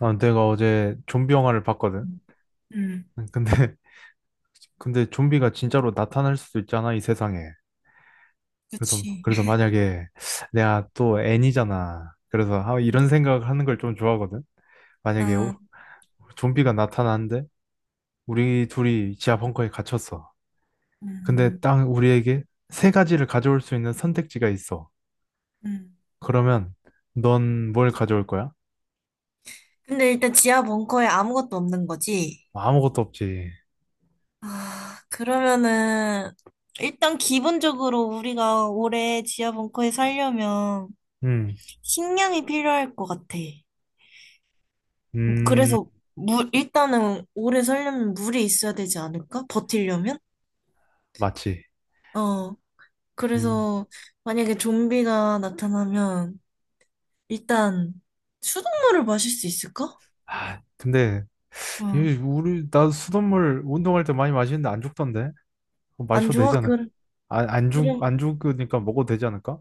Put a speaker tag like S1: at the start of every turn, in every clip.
S1: 아, 내가 어제 좀비 영화를 봤거든.
S2: 음. 음.
S1: 근데, 근데 좀비가 진짜로 나타날 수도 있잖아, 이 세상에. 그래서,
S2: 그치.
S1: 그래서 만약에 내가 또 애니잖아. 그래서 아, 이런 생각을 하는 걸 좀 좋아하거든. 만약에
S2: 아,
S1: 좀비가 나타나는데 우리 둘이 지하 벙커에 갇혔어. 근데
S2: 음.
S1: 딱 우리에게 세 가지를 가져올 수 있는 선택지가 있어.
S2: 음.
S1: 그러면 넌 뭘 가져올 거야?
S2: 근데 일단 지하 벙커에 아무것도 없는 거지?
S1: 아무것도 없지.
S2: 아, 그러면은, 일단 기본적으로 우리가 올해 지하 벙커에 살려면
S1: 음,
S2: 식량이 필요할 것 같아.
S1: 음,
S2: 그래서 물, 일단은 오래 살려면 물이 있어야 되지 않을까? 버티려면?
S1: 맞지.
S2: 어,
S1: 음,
S2: 그래서 만약에 좀비가 나타나면 일단 수돗물을 마실 수 있을까?
S1: 아, 근데
S2: 응.
S1: 예, 우리 나 수돗물 운동할 때 많이 마시는데 안 죽던데. 그거
S2: 안
S1: 마셔도
S2: 좋아?
S1: 되잖아.
S2: 그럼.
S1: 안 죽으니까 먹어도 되지 않을까?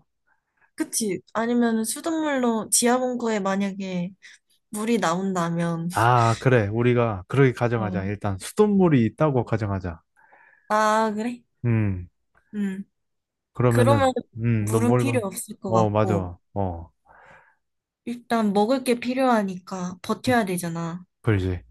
S2: 그치? 아니면 수돗물로 지하봉구에 만약에 물이 나온다면,
S1: 아, 그래. 우리가 그렇게
S2: 어.
S1: 가정하자. 일단 수돗물이 있다고 가정하자.
S2: 아, 그래?
S1: 음,
S2: 음.
S1: 그러면은,
S2: 그러면
S1: 넌
S2: 물은
S1: 뭘
S2: 필요
S1: 봐?
S2: 없을 것
S1: 어,
S2: 같고,
S1: 맞아. 어,
S2: 일단 먹을 게 필요하니까 버텨야 되잖아.
S1: 그러지.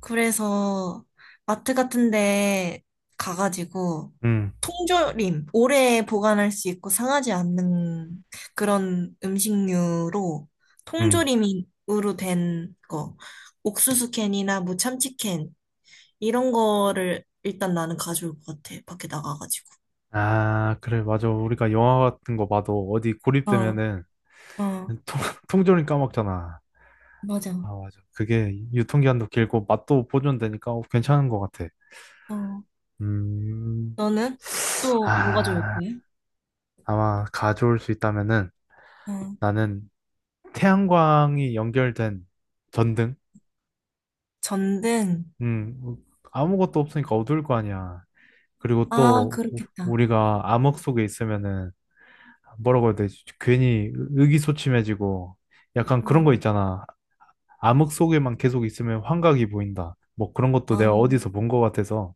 S2: 그래서 마트 같은 데 가가지고
S1: 음,
S2: 통조림, 오래 보관할 수 있고 상하지 않는 그런 음식류로
S1: 음.
S2: 통조림으로 된 거, 옥수수 캔이나 뭐 참치 캔, 이런 거를 일단 나는 가져올 것 같아. 밖에 나가가지고.
S1: 아, 그래. 맞아. 우리가 영화 같은 거 봐도 어디
S2: 어,
S1: 고립되면은
S2: 어,
S1: 통, 통조림 까먹잖아.
S2: 맞아.
S1: 아, 맞아. 그게 유통기한도 길고 맛도 보존되니까 어, 괜찮은 것 같아.
S2: 어.
S1: 음.
S2: 너는? 또 뭐가 좋을
S1: 아,
S2: 거야?
S1: 아마 가져올 수 있다면은
S2: 어.
S1: 나는 태양광이 연결된 전등?
S2: 전등.
S1: 음, 아무것도 없으니까 어두울 거 아니야. 그리고
S2: 아,
S1: 또
S2: 그렇겠다.
S1: 우리가 암흑 속에 있으면은 뭐라고 해야 되지? 괜히 의기소침해지고 약간 그런 거
S2: 어.
S1: 있잖아. 암흑 속에만 계속 있으면 환각이 보인다. 뭐 그런 것도
S2: 아,
S1: 내가 어디서 본 것 같아서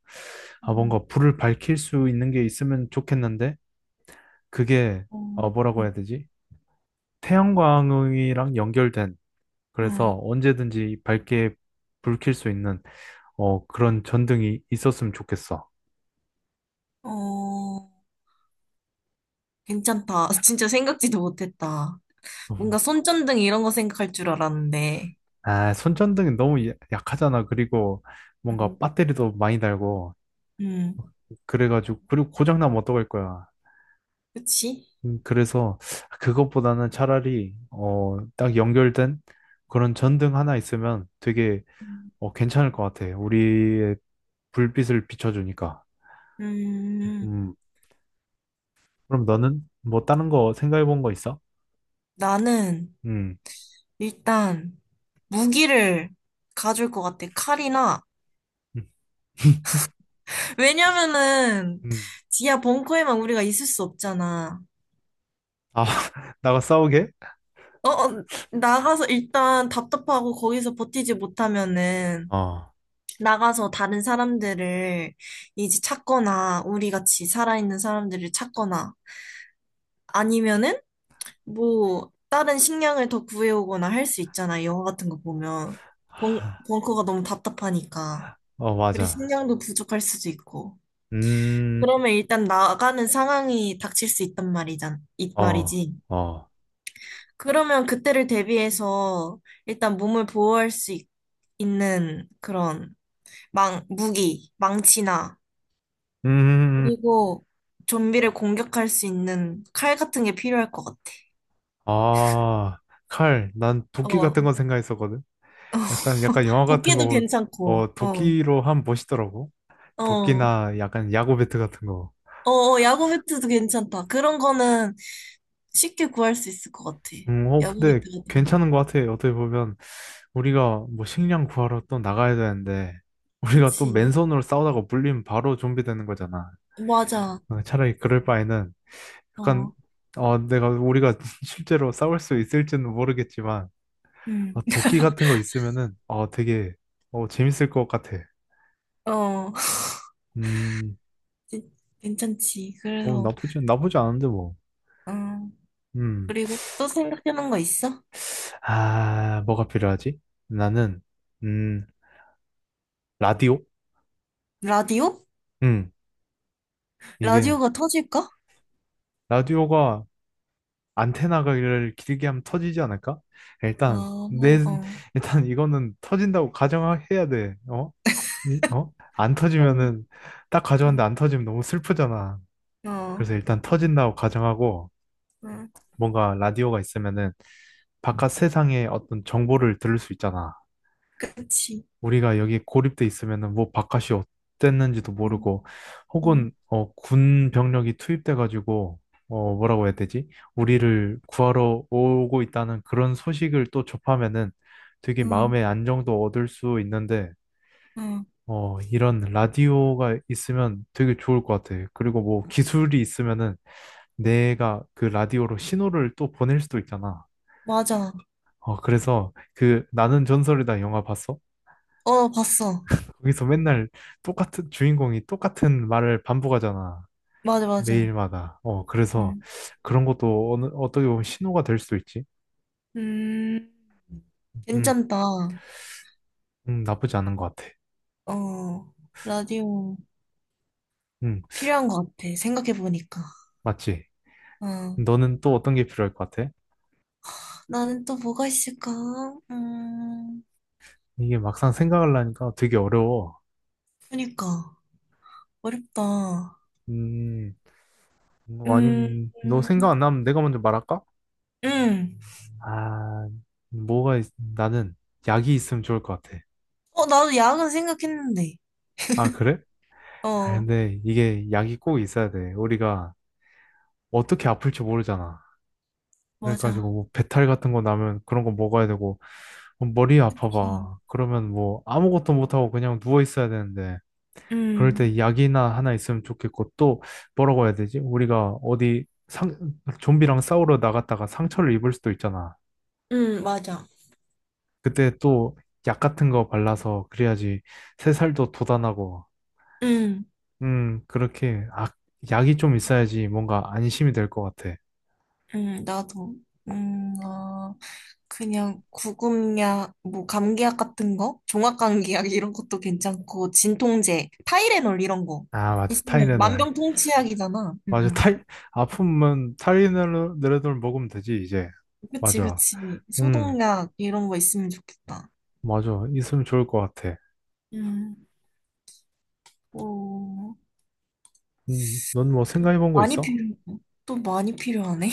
S1: 아,
S2: 어,
S1: 뭔가 불을 밝힐 수 있는 게 있으면 좋겠는데 그게 어,
S2: 어.
S1: 뭐라고 해야
S2: 응,
S1: 되지? 태양광이랑 연결된
S2: 응.
S1: 그래서 언제든지 밝게 불킬 수 있는 어, 그런 전등이 있었으면 좋겠어.
S2: 어, 괜찮다. 진짜 생각지도 못했다. 뭔가
S1: 음.
S2: 손전등 이런 거 생각할 줄 알았는데.
S1: 아, 손전등이 너무 약하잖아. 그리고 뭔가
S2: 음.
S1: 배터리도 많이 달고
S2: 음.
S1: 그래가지고 그리고 고장나면 어떡할 거야.
S2: 그치?
S1: 그래서 그것보다는 차라리 어, 딱 연결된 그런 전등 하나 있으면 되게
S2: 음.
S1: 어, 괜찮을 것 같아. 우리의 불빛을 비춰주니까.
S2: 음.
S1: 음, 그럼 너는 뭐 다른 거 생각해 본 거 있어?
S2: 나는
S1: 음.
S2: 일단 무기를 가줄 것 같아. 칼이나.
S1: 음.
S2: 왜냐면은
S1: 음.
S2: 지하 벙커에만 우리가 있을 수 없잖아.
S1: 아, 나가 싸우게?
S2: 어, 어, 나가서 일단 답답하고 거기서 버티지 못하면은
S1: 어.
S2: 나가서 다른 사람들을 이제 찾거나 우리 같이 살아있는 사람들을 찾거나 아니면은 뭐 다른 식량을 더 구해오거나 할 수 있잖아. 영화 같은 거 보면. 벙, 벙커가 너무 답답하니까.
S1: 어,
S2: 그리고
S1: 맞아.
S2: 식량도 부족할 수도 있고.
S1: 음,
S2: 그러면 일단 나가는 상황이 닥칠 수 있단 이
S1: 어,
S2: 말이지.
S1: 어.
S2: 그러면 그때를 대비해서 일단 몸을 보호할 수 있, 는 그런 무기, 망치나,
S1: 음,
S2: 그리고 좀비를 공격할 수 있는 칼 같은 게 필요할 것 같아.
S1: 아, 칼. 난 도끼 같은
S2: 어.
S1: 건 생각했었거든. 약간, 약간 영화 같은 거,
S2: 도끼도 괜찮고,
S1: 어,
S2: 어,
S1: 도끼로 하면 멋있더라고.
S2: 어, 어,
S1: 도끼나 약간 야구 배트 같은 거.
S2: 어, 야구 배트도 괜찮다. 그런 거는 쉽게 구할 수 있을 것 같아.
S1: 어,
S2: 야구
S1: 근데
S2: 배트 같은 거.
S1: 괜찮은 것 같아. 어떻게 보면, 우리가 뭐 식량 구하러 또 나가야 되는데, 우리가 또
S2: 그치.
S1: 맨손으로 싸우다가 물리면 바로 좀비 되는 거잖아.
S2: 맞아.
S1: 어, 차라리 그럴 바에는, 약간
S2: 어.
S1: 어, 내가 우리가 실제로 싸울 수 있을지는 모르겠지만
S2: 음.
S1: 어, 도끼 같은 거 있으면은 어, 되게 어, 재밌을 것 같아.
S2: 어,
S1: 음,
S2: 괜찮지.
S1: 어,
S2: 그래서,
S1: 나쁘지 않은데 뭐.
S2: 음,
S1: 음,
S2: 그리고 또 생각나는 거 있어?
S1: 아, 뭐가 필요하지? 나는 음, 라디오?
S2: 라디오?
S1: 음, 이게
S2: 라디오가 터질까?
S1: 라디오가 안테나를 길게 하면 터지지 않을까?
S2: 어,
S1: 일단 내
S2: 어.
S1: 일단 이거는 터진다고 가정해야 돼. 어? 어? 안
S2: 음.
S1: 터지면은 딱 가져왔는데 안
S2: 음.
S1: 터지면 너무 슬프잖아.
S2: 어.
S1: 그래서 일단 터진다고 가정하고
S2: 음.
S1: 뭔가 라디오가 있으면은 바깥 세상의 어떤 정보를 들을 수 있잖아.
S2: 그치.
S1: 우리가 여기 고립돼 있으면은 뭐 바깥이 어땠는지도
S2: 응,
S1: 모르고 혹은
S2: 응,
S1: 어, 군 병력이 투입돼가지고 어, 뭐라고 해야 되지? 우리를 구하러 오고 있다는 그런 소식을 또 접하면은 되게
S2: 응,
S1: 마음의 안정도 얻을 수 있는데
S2: 응.
S1: 어, 이런 라디오가 있으면 되게 좋을 것 같아. 그리고 뭐 기술이 있으면은 내가 그 라디오로 신호를 또 보낼 수도 있잖아.
S2: 맞아.
S1: 어, 그래서 그 나는 전설이다 영화 봤어?
S2: 어, 봤어.
S1: 거기서 맨날 똑같은 주인공이 똑같은 말을 반복하잖아.
S2: 맞아, 맞아.
S1: 매일마다. 어, 그래서
S2: 음.
S1: 그런 것도 어떻게 보면 신호가 될 수도 있지.
S2: 음.
S1: 음,
S2: 괜찮다.
S1: 나쁘지 않은 것 같아.
S2: 어, 라디오
S1: 음,
S2: 필요한 것 같아. 생각해보니까.
S1: 맞지?
S2: 어,
S1: 너는 또 어떤 게 필요할 것 같아?
S2: 나는 또 뭐가 있을까? 음.
S1: 이게 막상 생각하려니까 되게 어려워.
S2: 그니까. 어렵다.
S1: 음, 뭐
S2: 음.
S1: 아님, 너
S2: 음.
S1: 생각 안 나면 내가 먼저 말할까?
S2: 음.
S1: 아, 나는 약이 있으면 좋을 것 같아.
S2: 어, 나도 야근 생각했는데.
S1: 아, 그래? 아,
S2: 어,
S1: 근데 이게 약이 꼭 있어야 돼. 우리가 어떻게 아플지 모르잖아. 그래가지고
S2: 맞아.
S1: 뭐 배탈 같은 거 나면 그런 거 먹어야 되고, 뭐 머리
S2: 음.
S1: 아파봐. 그러면 뭐 아무것도 못하고 그냥 누워 있어야 되는데, 그럴
S2: 음.
S1: 때 약이나 하나 있으면 좋겠고, 또 뭐라고 해야 되지? 우리가 좀비랑 싸우러 나갔다가 상처를 입을 수도 있잖아.
S2: 음. 맞아.
S1: 그때 또 약 같은 거 발라서 그래야지 새살도 돋아나고
S2: 음.
S1: 그렇게, 아, 약이 좀 있어야지 뭔가 안심이 될 것 같아.
S2: 음. 나도. 음. 어, 그냥 구급약, 뭐, 감기약 같은 거? 종합감기약 이런 것도 괜찮고, 진통제, 타이레놀 이런 거.
S1: 아, 맞아.
S2: 있으면
S1: 타이레놀.
S2: 만병통치약이잖아.
S1: 맞아.
S2: 음.
S1: 아프면 타이레놀 레놀 먹으면 되지, 이제.
S2: 그치,
S1: 맞아.
S2: 그치.
S1: 음,
S2: 소독약 이런 거 있으면 좋겠다.
S1: 맞아. 있으면 좋을 것 같아.
S2: 음. 어.
S1: 넌 뭐 생각해 본 거
S2: 많이
S1: 있어?
S2: 필요해. 또 많이 필요하네.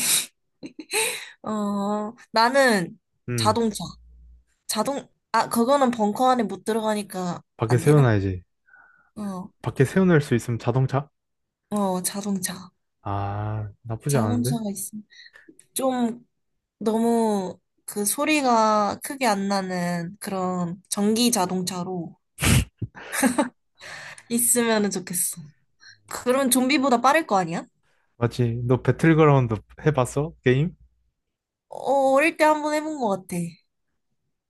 S2: 어, 나는
S1: 음,
S2: 자동차. 아, 그거는 벙커 안에 못 들어가니까
S1: 밖에
S2: 안 되나?
S1: 세워놔야지.
S2: 어,
S1: 밖에 세워낼 수 있으면 자동차?
S2: 어, 자동차.
S1: 아, 나쁘지 않은데?
S2: 자동차가 있어. 좀 너무 그 소리가 크게 안 나는 그런 전기 자동차로 있으면 좋겠어. 그러면 좀비보다 빠를 거 아니야?
S1: 맞지? 너 배틀그라운드 해봤어? 게임?
S2: 어, 어릴 때 한번 해본 것 같아.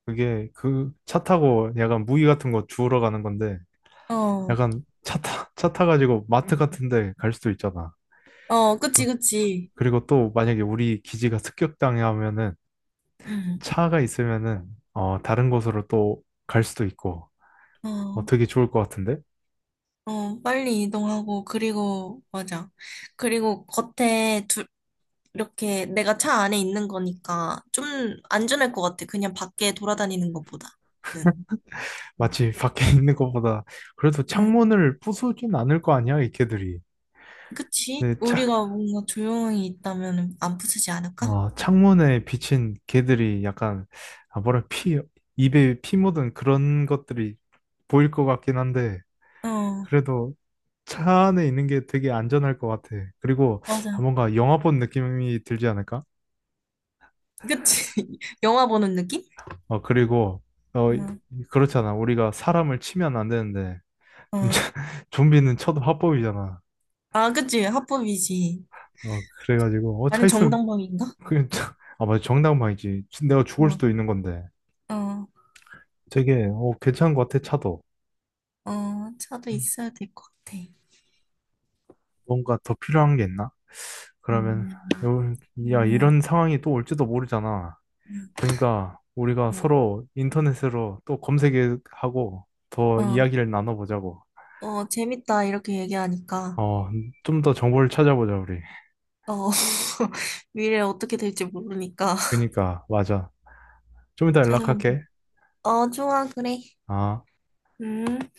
S1: 그게 그 차 타고 약간 무기 같은 거 주우러 가는 건데,
S2: 어,
S1: 약간 차 타가지고 마트 같은데 갈 수도 있잖아.
S2: 어,
S1: 어,
S2: 그치, 그치.
S1: 그리고 또 만약에 우리 기지가 습격당해 하면은
S2: 응,
S1: 차가 있으면은 어, 다른 곳으로 또 갈 수도 있고 어,
S2: 어,
S1: 되게 좋을 것 같은데?
S2: 어, 빨리 이동하고, 그리고, 맞아. 그리고 겉에 이렇게 내가 차 안에 있는 거니까 좀 안전할 것 같아. 그냥 밖에 돌아다니는 것보다는. 음. 응.
S1: 마치 밖에 있는 것보다 그래도
S2: 응.
S1: 창문을 부수진 않을 거 아니야, 이 개들이.
S2: 그치?
S1: 근데 차,
S2: 우리가 뭔가 조용히 있다면 안 부수지 않을까?
S1: 어, 창문에 비친 개들이 약간 아, 뭐랄 피 입에 피 묻은 그런 것들이 보일 것 같긴 한데
S2: 어,
S1: 그래도 차 안에 있는 게 되게 안전할 것 같아. 그리고 아,
S2: 맞아.
S1: 뭔가 영화 본 느낌이 들지 않을까?
S2: 그치? 영화 보는 느낌?
S1: 어, 그리고 어,
S2: 응.
S1: 그렇잖아. 우리가 사람을 치면 안 되는데
S2: 어.
S1: 좀비는 쳐도 합법이잖아.
S2: 아, 그치? 합법이지.
S1: 어, 그래가지고 어, 차
S2: 아니,
S1: 있으면
S2: 정당방위인가?
S1: 아, 맞아. 정당방이지. 내가 죽을
S2: 어,
S1: 수도 있는 건데.
S2: 어,
S1: 되게 어, 괜찮은 것 같아. 차도.
S2: 어, 차도
S1: 음,
S2: 있어야 될 것 같아.
S1: 뭔가 더 필요한 게 있나? 그러면
S2: 음.
S1: 요- 야,
S2: 그러면,
S1: 이런 상황이 또 올지도 모르잖아.
S2: 음.
S1: 그러니까 우리가
S2: 음.
S1: 서로 인터넷으로 또 검색하고 더
S2: 어,
S1: 이야기를 나눠보자고.
S2: 어, 재밌다. 이렇게 얘기하니까.
S1: 어, 좀 더 정보를 찾아보자, 우리.
S2: 어, 미래 어떻게 될지 모르니까
S1: 그러니까, 맞아. 좀 이따
S2: 찾아보고.
S1: 연락할게.
S2: 어, 좋아, 그래.
S1: 아.
S2: 음.